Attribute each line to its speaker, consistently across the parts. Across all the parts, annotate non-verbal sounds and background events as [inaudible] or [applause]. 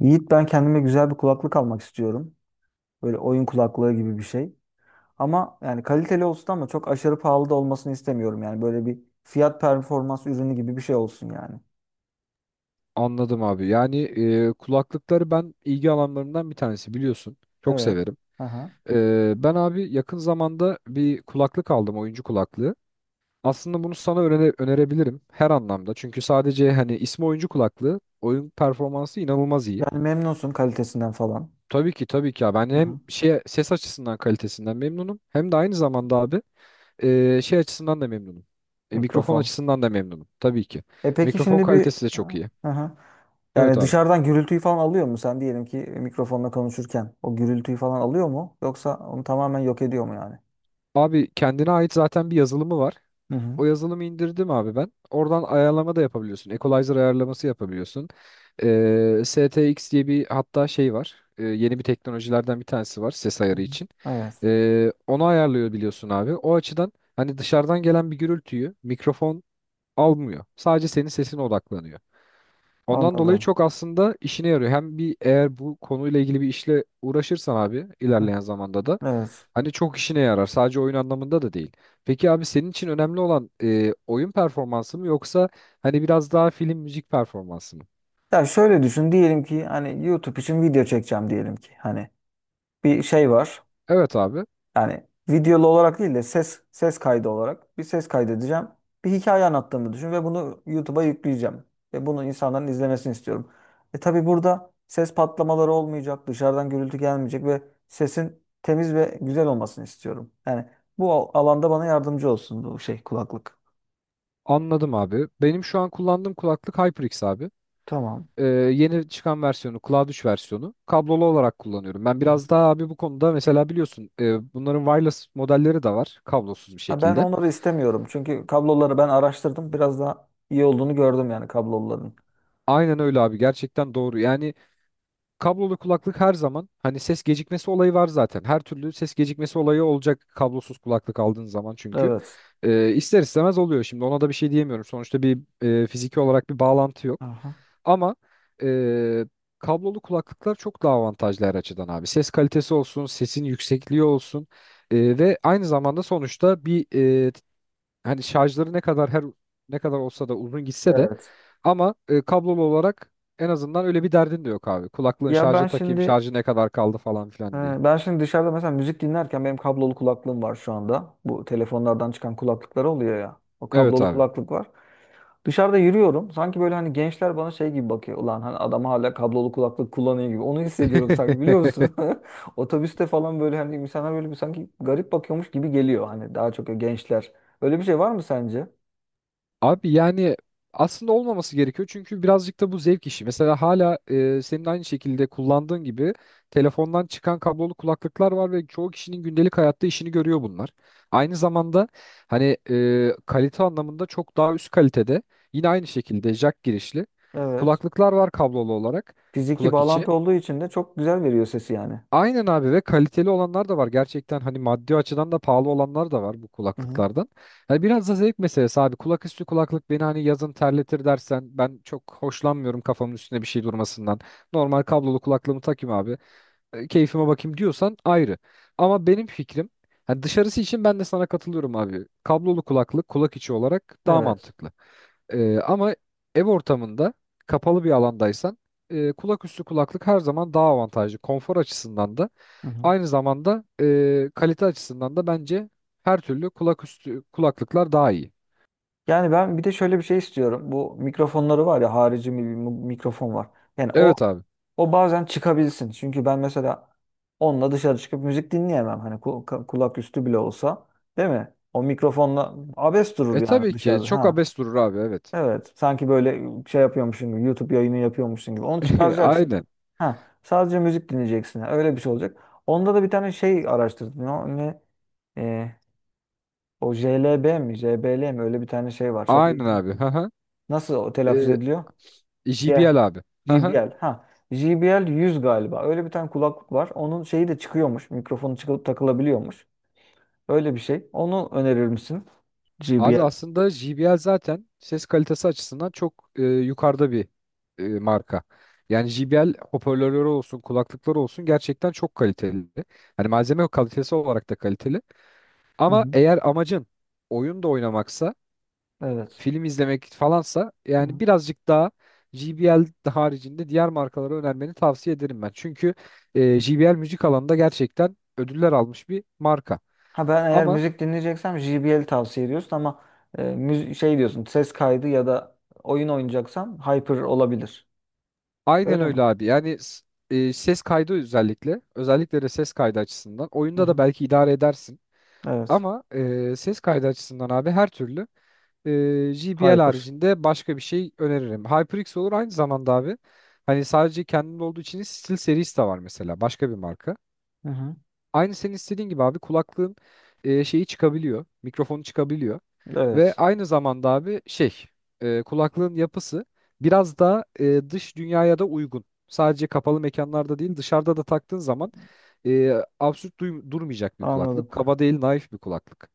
Speaker 1: Yiğit, ben kendime güzel bir kulaklık almak istiyorum. Böyle oyun kulaklığı gibi bir şey. Ama yani kaliteli olsun ama çok aşırı pahalı da olmasını istemiyorum. Yani böyle bir fiyat performans ürünü gibi bir şey olsun yani.
Speaker 2: Anladım abi. Kulaklıkları ben ilgi alanlarımdan bir tanesi biliyorsun. Çok
Speaker 1: Evet.
Speaker 2: severim.
Speaker 1: Aha.
Speaker 2: Ben abi yakın zamanda bir kulaklık aldım, oyuncu kulaklığı. Aslında bunu sana önerebilirim her anlamda. Çünkü sadece hani ismi oyuncu kulaklığı, oyun performansı inanılmaz iyi.
Speaker 1: Yani memnunsun kalitesinden falan.
Speaker 2: Tabii ki tabii ki abi. Ben
Speaker 1: Hı
Speaker 2: hem
Speaker 1: hı.
Speaker 2: şey ses açısından kalitesinden memnunum hem de aynı zamanda abi, şey açısından da memnunum. Mikrofon
Speaker 1: Mikrofon.
Speaker 2: açısından da memnunum tabii ki.
Speaker 1: E peki
Speaker 2: Mikrofon
Speaker 1: şimdi bir
Speaker 2: kalitesi de çok iyi.
Speaker 1: aha.
Speaker 2: Evet
Speaker 1: Yani
Speaker 2: abi.
Speaker 1: dışarıdan gürültüyü falan alıyor mu? Sen diyelim ki mikrofonla konuşurken o gürültüyü falan alıyor mu? Yoksa onu tamamen yok ediyor mu yani?
Speaker 2: Abi kendine ait zaten bir yazılımı var.
Speaker 1: Hı hı.
Speaker 2: O yazılımı indirdim abi ben. Oradan ayarlama da yapabiliyorsun. Equalizer ayarlaması yapabiliyorsun. STX diye bir hatta şey var. Yeni bir teknolojilerden bir tanesi var ses
Speaker 1: Hı
Speaker 2: ayarı
Speaker 1: hı.
Speaker 2: için.
Speaker 1: Evet.
Speaker 2: Onu ayarlıyor biliyorsun abi. O açıdan hani dışarıdan gelen bir gürültüyü mikrofon almıyor. Sadece senin sesine odaklanıyor. Ondan dolayı
Speaker 1: Anladım.
Speaker 2: çok aslında işine yarıyor. Hem bir eğer bu konuyla ilgili bir işle uğraşırsan abi
Speaker 1: Hı.
Speaker 2: ilerleyen zamanda da
Speaker 1: Evet.
Speaker 2: hani çok işine yarar. Sadece oyun anlamında da değil. Peki abi senin için önemli olan oyun performansı mı yoksa hani biraz daha film müzik performansı mı?
Speaker 1: Ya şöyle düşün, diyelim ki hani YouTube için video çekeceğim, diyelim ki hani bir şey var,
Speaker 2: Evet abi,
Speaker 1: yani videolu olarak değil de ses kaydı olarak bir ses kaydedeceğim, bir hikaye anlattığımı düşün ve bunu YouTube'a yükleyeceğim ve bunu insanların izlemesini istiyorum. E tabii burada ses patlamaları olmayacak, dışarıdan gürültü gelmeyecek ve sesin temiz ve güzel olmasını istiyorum. Yani bu alanda bana yardımcı olsun bu şey kulaklık.
Speaker 2: anladım abi. Benim şu an kullandığım kulaklık HyperX abi.
Speaker 1: Tamam.
Speaker 2: Yeni çıkan versiyonu Cloud 3 versiyonu kablolu olarak kullanıyorum. Ben biraz daha abi bu konuda mesela biliyorsun bunların wireless modelleri de var kablosuz bir
Speaker 1: Ha, ben
Speaker 2: şekilde.
Speaker 1: onları istemiyorum. Çünkü kabloları ben araştırdım. Biraz daha iyi olduğunu gördüm yani kabloların.
Speaker 2: Aynen öyle abi, gerçekten doğru. Yani kablolu kulaklık her zaman hani ses gecikmesi olayı var zaten. Her türlü ses gecikmesi olayı olacak kablosuz kulaklık aldığın zaman çünkü.
Speaker 1: Evet.
Speaker 2: İster istemez oluyor şimdi ona da bir şey diyemiyorum. Sonuçta bir fiziki olarak bir bağlantı yok.
Speaker 1: Aha.
Speaker 2: Ama e, kablolu kulaklıklar çok daha avantajlı her açıdan abi. Ses kalitesi olsun, sesin yüksekliği olsun ve aynı zamanda sonuçta bir e, hani şarjları ne kadar her ne kadar olsa da uzun gitse de
Speaker 1: Evet.
Speaker 2: ama kablolu olarak en azından öyle bir derdin de yok abi. Kulaklığın
Speaker 1: Ya
Speaker 2: şarja takayım, şarjı ne kadar kaldı falan filan diye.
Speaker 1: e, ben şimdi dışarıda mesela müzik dinlerken benim kablolu kulaklığım var şu anda. Bu telefonlardan çıkan kulaklıklar oluyor ya. O
Speaker 2: Evet
Speaker 1: kablolu
Speaker 2: abi.
Speaker 1: kulaklık var. Dışarıda yürüyorum. Sanki böyle hani gençler bana şey gibi bakıyor. Ulan hani adam hala kablolu kulaklık kullanıyor gibi. Onu hissediyorum sanki, biliyor musun?
Speaker 2: [laughs]
Speaker 1: [laughs] Otobüste falan böyle hani insanlar böyle bir sanki garip bakıyormuş gibi geliyor. Hani daha çok gençler. Öyle bir şey var mı sence?
Speaker 2: Abi yani aslında olmaması gerekiyor çünkü birazcık da bu zevk işi. Mesela hala senin aynı şekilde kullandığın gibi telefondan çıkan kablolu kulaklıklar var ve çoğu kişinin gündelik hayatta işini görüyor bunlar. Aynı zamanda hani, kalite anlamında çok daha üst kalitede yine aynı şekilde jack girişli
Speaker 1: Evet.
Speaker 2: kulaklıklar var kablolu olarak
Speaker 1: Fiziki
Speaker 2: kulak içi.
Speaker 1: bağlantı olduğu için de çok güzel veriyor sesi yani.
Speaker 2: Aynen abi ve kaliteli olanlar da var. Gerçekten hani maddi açıdan da pahalı olanlar da var bu
Speaker 1: Hı hı.
Speaker 2: kulaklıklardan. Yani biraz da zevk meselesi abi. Kulak üstü kulaklık beni hani yazın terletir dersen ben çok hoşlanmıyorum kafamın üstüne bir şey durmasından. Normal kablolu kulaklığımı takayım abi. Keyfime bakayım diyorsan ayrı. Ama benim fikrim hani dışarısı için ben de sana katılıyorum abi. Kablolu kulaklık kulak içi olarak daha
Speaker 1: Evet.
Speaker 2: mantıklı. Ama ev ortamında kapalı bir alandaysan kulak üstü kulaklık her zaman daha avantajlı. Konfor açısından da
Speaker 1: Hı hı.
Speaker 2: aynı zamanda kalite açısından da bence her türlü kulak üstü kulaklıklar daha iyi.
Speaker 1: Yani ben bir de şöyle bir şey istiyorum. Bu mikrofonları var ya, bir mikrofon var. Yani o
Speaker 2: Evet abi.
Speaker 1: o bazen çıkabilsin. Çünkü ben mesela onunla dışarı çıkıp müzik dinleyemem. Hani kulak üstü bile olsa, değil mi? O mikrofonla abes durur
Speaker 2: E
Speaker 1: yani
Speaker 2: tabii ki
Speaker 1: dışarıda.
Speaker 2: çok
Speaker 1: Ha.
Speaker 2: abes durur abi, evet.
Speaker 1: Evet. Sanki böyle şey yapıyormuşsun gibi, YouTube yayını yapıyormuşsun gibi. Onu
Speaker 2: [laughs]
Speaker 1: çıkaracaksın.
Speaker 2: Aynen.
Speaker 1: Ha, sadece müzik dinleyeceksin. Öyle bir şey olacak. Onda da bir tane şey araştırdım. Ne e, o JLB mi, JBL mi? Öyle bir tane şey var. Çok iyi
Speaker 2: Aynen abi.
Speaker 1: bilmiyorum.
Speaker 2: Haha.
Speaker 1: Nasıl o telaffuz
Speaker 2: E,
Speaker 1: ediliyor? J,
Speaker 2: JBL abi. Haha.
Speaker 1: JBL. Ha, JBL 100 galiba. Öyle bir tane kulaklık var. Onun şeyi de çıkıyormuş. Mikrofonu çıkıp takılabiliyormuş. Öyle bir şey. Onu önerir misin?
Speaker 2: Abi
Speaker 1: JBL.
Speaker 2: aslında JBL zaten ses kalitesi açısından çok yukarıda bir marka. Yani JBL hoparlörleri olsun, kulaklıkları olsun gerçekten çok kaliteli. Hani malzeme kalitesi olarak da kaliteli.
Speaker 1: Hı
Speaker 2: Ama
Speaker 1: hı.
Speaker 2: eğer amacın oyun da oynamaksa
Speaker 1: Evet.
Speaker 2: film izlemek falansa yani birazcık daha JBL haricinde diğer markalara önermeni tavsiye ederim ben. Çünkü JBL müzik alanında gerçekten ödüller almış bir marka.
Speaker 1: Ha, ben eğer
Speaker 2: Ama
Speaker 1: müzik dinleyeceksem JBL tavsiye ediyorsun, ama şey diyorsun ses kaydı ya da oyun oynayacaksam Hyper olabilir.
Speaker 2: aynen
Speaker 1: Öyle
Speaker 2: öyle
Speaker 1: mi?
Speaker 2: abi. Yani ses kaydı özellikle, özellikle de ses kaydı açısından
Speaker 1: Hı
Speaker 2: oyunda da
Speaker 1: hı.
Speaker 2: belki idare edersin.
Speaker 1: Evet.
Speaker 2: Ama ses kaydı açısından abi her türlü JBL
Speaker 1: Hyper.
Speaker 2: haricinde başka bir şey öneririm. HyperX olur aynı zamanda abi. Hani sadece kendinde olduğu için değil, SteelSeries de var mesela başka bir marka.
Speaker 1: Hı hı.
Speaker 2: Aynı senin istediğin gibi abi, kulaklığın şeyi çıkabiliyor. Mikrofonu çıkabiliyor. Ve
Speaker 1: Evet.
Speaker 2: aynı zamanda abi, kulaklığın yapısı biraz daha dış dünyaya da uygun. Sadece kapalı mekanlarda değil dışarıda da taktığın zaman e, absürt durmayacak bir
Speaker 1: Anladım.
Speaker 2: kulaklık. Kaba değil naif bir kulaklık.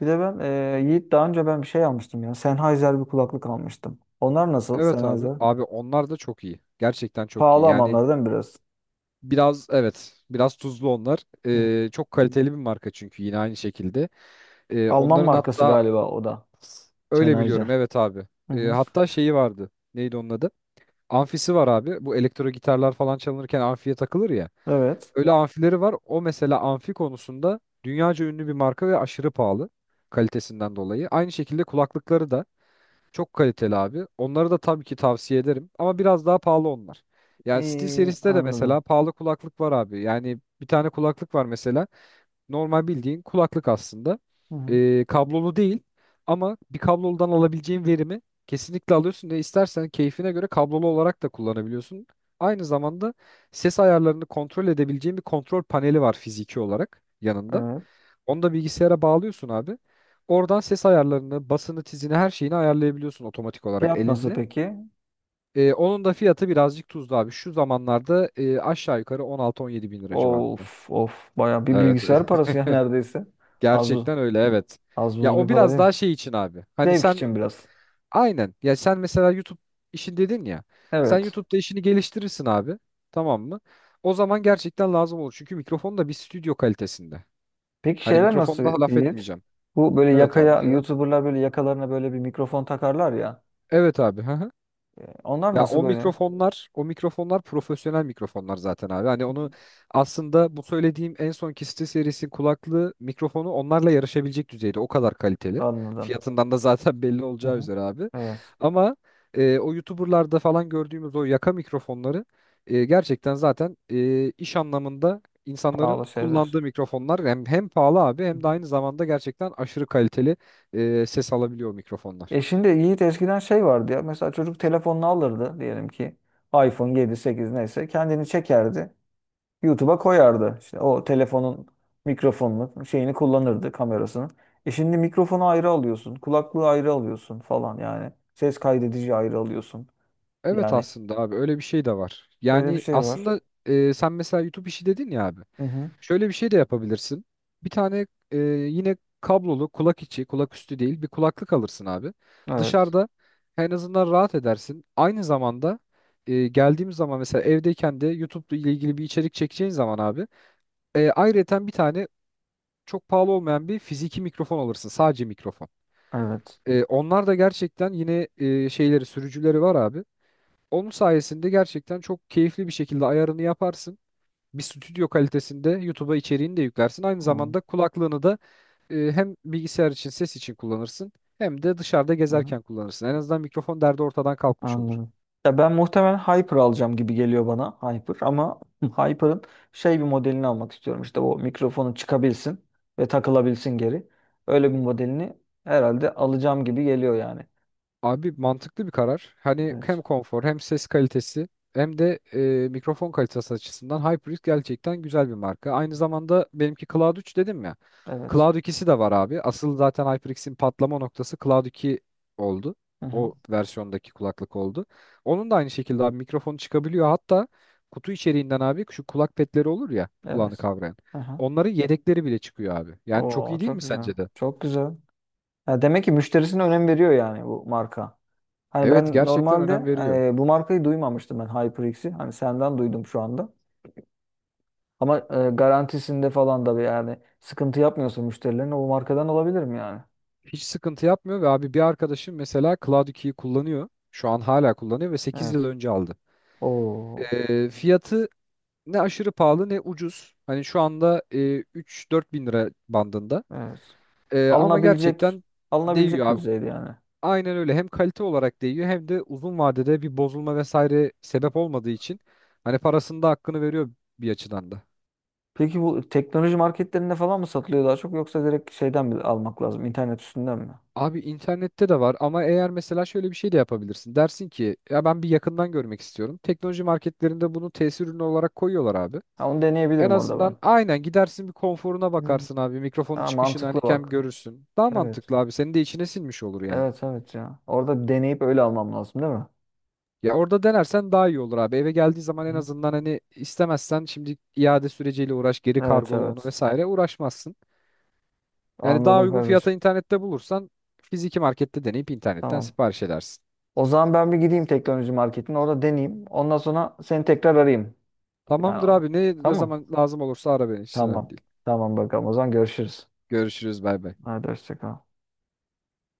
Speaker 1: Bir de ben Yiğit daha önce ben bir şey almıştım ya. Sennheiser bir kulaklık almıştım. Onlar nasıl,
Speaker 2: Evet abi.
Speaker 1: Sennheiser?
Speaker 2: Abi onlar da çok iyi. Gerçekten çok iyi.
Speaker 1: Pahalı ama
Speaker 2: Yani
Speaker 1: onlar, değil mi, biraz?
Speaker 2: biraz evet, biraz tuzlu onlar.
Speaker 1: Hı hı.
Speaker 2: Çok kaliteli bir marka çünkü yine aynı şekilde. E,
Speaker 1: Alman
Speaker 2: onların
Speaker 1: markası
Speaker 2: hatta
Speaker 1: galiba o da.
Speaker 2: Öyle biliyorum
Speaker 1: Sennheiser.
Speaker 2: evet abi.
Speaker 1: Hı hı.
Speaker 2: Hatta şeyi vardı. Neydi onun adı? Amfisi var abi. Bu elektro gitarlar falan çalınırken amfiye takılır ya.
Speaker 1: Evet.
Speaker 2: Öyle amfileri var. O mesela amfi konusunda dünyaca ünlü bir marka ve aşırı pahalı kalitesinden dolayı. Aynı şekilde kulaklıkları da çok kaliteli abi. Onları da tabii ki tavsiye ederim ama biraz daha pahalı onlar. Yani
Speaker 1: İyi,
Speaker 2: SteelSeries'te de
Speaker 1: anladım.
Speaker 2: mesela pahalı kulaklık var abi. Yani bir tane kulaklık var mesela. Normal bildiğin kulaklık aslında.
Speaker 1: Hı hı.
Speaker 2: Kablolu değil ama bir kabloludan alabileceğin verimi kesinlikle alıyorsun ve istersen keyfine göre kablolu olarak da kullanabiliyorsun. Aynı zamanda ses ayarlarını kontrol edebileceğin bir kontrol paneli var fiziki olarak yanında.
Speaker 1: Evet.
Speaker 2: Onu da bilgisayara bağlıyorsun abi. Oradan ses ayarlarını, basını, tizini her şeyini ayarlayabiliyorsun otomatik olarak
Speaker 1: Fiyat nasıl
Speaker 2: elinde.
Speaker 1: peki?
Speaker 2: Onun da fiyatı birazcık tuzlu abi. Şu zamanlarda aşağı yukarı 16-17 bin lira civarında.
Speaker 1: Of of, bayağı bir
Speaker 2: Evet.
Speaker 1: bilgisayar parası ya [laughs]
Speaker 2: [laughs]
Speaker 1: neredeyse. Az buz,
Speaker 2: Gerçekten öyle, evet.
Speaker 1: az
Speaker 2: Ya
Speaker 1: buz bir
Speaker 2: o
Speaker 1: para
Speaker 2: biraz daha
Speaker 1: değil.
Speaker 2: şey için abi. Hani
Speaker 1: Zevk
Speaker 2: sen
Speaker 1: için biraz.
Speaker 2: aynen. Ya sen mesela YouTube işin dedin ya. Sen
Speaker 1: Evet.
Speaker 2: YouTube'da işini geliştirirsin abi. Tamam mı? O zaman gerçekten lazım olur. Çünkü mikrofon da bir stüdyo kalitesinde.
Speaker 1: Peki
Speaker 2: Hani
Speaker 1: şeyler
Speaker 2: mikrofon
Speaker 1: nasıl
Speaker 2: daha laf
Speaker 1: Yiğit?
Speaker 2: etmeyeceğim.
Speaker 1: Bu böyle
Speaker 2: Evet abi
Speaker 1: yakaya,
Speaker 2: neden?
Speaker 1: YouTuber'lar böyle yakalarına böyle bir mikrofon takarlar ya.
Speaker 2: Evet abi. [laughs]
Speaker 1: Onlar
Speaker 2: Ya
Speaker 1: nasıl
Speaker 2: o
Speaker 1: böyle? Hı
Speaker 2: mikrofonlar, o mikrofonlar profesyonel mikrofonlar zaten abi. Hani
Speaker 1: hı.
Speaker 2: onu aslında bu söylediğim en son Kiste serisi kulaklığı mikrofonu onlarla yarışabilecek düzeyde. O kadar kaliteli.
Speaker 1: Anladım.
Speaker 2: Fiyatından da zaten [laughs] belli
Speaker 1: Hı
Speaker 2: olacağı
Speaker 1: hı.
Speaker 2: üzere abi.
Speaker 1: Evet.
Speaker 2: Ama o YouTuber'larda falan gördüğümüz o yaka mikrofonları gerçekten zaten iş anlamında insanların
Speaker 1: Pahalı şeyler.
Speaker 2: kullandığı mikrofonlar hem, hem pahalı abi
Speaker 1: Hı
Speaker 2: hem de
Speaker 1: hı.
Speaker 2: aynı zamanda gerçekten aşırı kaliteli ses alabiliyor o mikrofonlar.
Speaker 1: E şimdi Yiğit, eskiden şey vardı ya. Mesela çocuk telefonunu alırdı, diyelim ki iPhone 7 8 neyse, kendini çekerdi. YouTube'a koyardı. İşte o telefonun mikrofonunu, şeyini kullanırdı, kamerasını. E şimdi mikrofonu ayrı alıyorsun, kulaklığı ayrı alıyorsun falan yani. Ses kaydedici ayrı alıyorsun.
Speaker 2: Evet
Speaker 1: Yani
Speaker 2: aslında abi öyle bir şey de var.
Speaker 1: öyle bir
Speaker 2: Yani
Speaker 1: şey var.
Speaker 2: aslında sen mesela YouTube işi dedin ya abi.
Speaker 1: Hı hı.
Speaker 2: Şöyle bir şey de yapabilirsin. Bir tane yine kablolu kulak içi, kulak üstü değil bir kulaklık alırsın abi.
Speaker 1: Evet.
Speaker 2: Dışarıda en azından rahat edersin. Aynı zamanda geldiğimiz zaman mesela evdeyken de YouTube ile ilgili bir içerik çekeceğin zaman abi. Ayrıyeten bir tane çok pahalı olmayan bir fiziki mikrofon alırsın. Sadece mikrofon.
Speaker 1: Evet.
Speaker 2: Onlar da gerçekten yine şeyleri sürücüleri var abi. Onun sayesinde gerçekten çok keyifli bir şekilde ayarını yaparsın. Bir stüdyo kalitesinde YouTube'a içeriğini de yüklersin. Aynı zamanda
Speaker 1: Anladım.
Speaker 2: kulaklığını da hem bilgisayar için ses için kullanırsın hem de dışarıda
Speaker 1: Hı hı.
Speaker 2: gezerken kullanırsın. En azından mikrofon derdi ortadan kalkmış olur.
Speaker 1: Anladım. Ya ben muhtemelen Hyper alacağım gibi geliyor bana. Hyper, ama [laughs] Hyper'ın şey bir modelini almak istiyorum. İşte o, mikrofonu çıkabilsin ve takılabilsin geri. Öyle bir modelini herhalde alacağım gibi geliyor yani.
Speaker 2: Abi mantıklı bir karar. Hani hem
Speaker 1: Evet.
Speaker 2: konfor hem ses kalitesi hem de mikrofon kalitesi açısından HyperX gerçekten güzel bir marka. Aynı zamanda benimki Cloud 3 dedim ya.
Speaker 1: Evet.
Speaker 2: Cloud 2'si de var abi. Asıl zaten HyperX'in patlama noktası Cloud 2 oldu.
Speaker 1: Hı hı.
Speaker 2: O versiyondaki kulaklık oldu. Onun da aynı şekilde abi mikrofonu çıkabiliyor. Hatta kutu içeriğinden abi şu kulak petleri olur ya kulağını
Speaker 1: Evet.
Speaker 2: kavrayan.
Speaker 1: Hı hı.
Speaker 2: Onların yedekleri bile çıkıyor abi. Yani çok
Speaker 1: Oo,
Speaker 2: iyi değil
Speaker 1: çok
Speaker 2: mi
Speaker 1: güzel.
Speaker 2: sence de?
Speaker 1: Çok güzel. Ya demek ki müşterisine önem veriyor yani bu marka. Hani
Speaker 2: Evet
Speaker 1: ben
Speaker 2: gerçekten
Speaker 1: normalde
Speaker 2: önem veriyor.
Speaker 1: bu markayı duymamıştım ben, HyperX'i. Hani senden duydum şu anda. Ama garantisinde falan da bir yani sıkıntı yapmıyorsa müşterilerine, o markadan olabilir mi yani?
Speaker 2: Hiç sıkıntı yapmıyor ve abi bir arkadaşım mesela Cloud 2'yi kullanıyor. Şu an hala kullanıyor ve 8 yıl
Speaker 1: Evet.
Speaker 2: önce aldı.
Speaker 1: Oo,
Speaker 2: Fiyatı ne aşırı pahalı ne ucuz. Hani şu anda 3-4 bin lira bandında.
Speaker 1: evet.
Speaker 2: Ama
Speaker 1: Alınabilecek
Speaker 2: gerçekten değiyor
Speaker 1: alınabilecek bir
Speaker 2: abi.
Speaker 1: düzeyde yani.
Speaker 2: Aynen öyle. Hem kalite olarak değiyor hem de uzun vadede bir bozulma vesaire sebep olmadığı için hani parasında hakkını veriyor bir açıdan da.
Speaker 1: Peki bu teknoloji marketlerinde falan mı satılıyor daha çok, yoksa direkt şeyden mi almak lazım? İnternet üstünden mi?
Speaker 2: Abi internette de var ama eğer mesela şöyle bir şey de yapabilirsin. Dersin ki ya ben bir yakından görmek istiyorum. Teknoloji marketlerinde bunu tesir ürünü olarak koyuyorlar abi.
Speaker 1: Ha, onu
Speaker 2: En
Speaker 1: deneyebilirim orada ben.
Speaker 2: azından aynen gidersin bir konforuna
Speaker 1: Hmm.
Speaker 2: bakarsın abi. Mikrofonun
Speaker 1: Ha,
Speaker 2: çıkışını
Speaker 1: mantıklı
Speaker 2: hani kem
Speaker 1: bak.
Speaker 2: görürsün. Daha
Speaker 1: Evet.
Speaker 2: mantıklı abi. Senin de içine sinmiş olur yani.
Speaker 1: Evet evet ya. Orada deneyip öyle almam lazım, değil mi?
Speaker 2: Ya orada denersen daha iyi olur abi. Eve geldiği zaman en
Speaker 1: Hı.
Speaker 2: azından hani istemezsen şimdi iade süreciyle uğraş, geri
Speaker 1: Evet
Speaker 2: kargola onu
Speaker 1: evet.
Speaker 2: vesaire uğraşmazsın. Yani daha
Speaker 1: Anladım
Speaker 2: uygun fiyata
Speaker 1: kardeşim.
Speaker 2: internette bulursan fiziki markette deneyip internetten
Speaker 1: Tamam.
Speaker 2: sipariş edersin.
Speaker 1: O zaman ben bir gideyim teknoloji marketine. Orada deneyeyim. Ondan sonra seni tekrar arayayım. Yani
Speaker 2: Tamamdır
Speaker 1: o-
Speaker 2: abi. Ne, ne
Speaker 1: Tamam.
Speaker 2: zaman lazım olursa ara beni. Hiç önemli
Speaker 1: Tamam.
Speaker 2: değil.
Speaker 1: Tamam bakalım. O zaman görüşürüz.
Speaker 2: Görüşürüz. Bay bay.
Speaker 1: Hadi hoşça kal.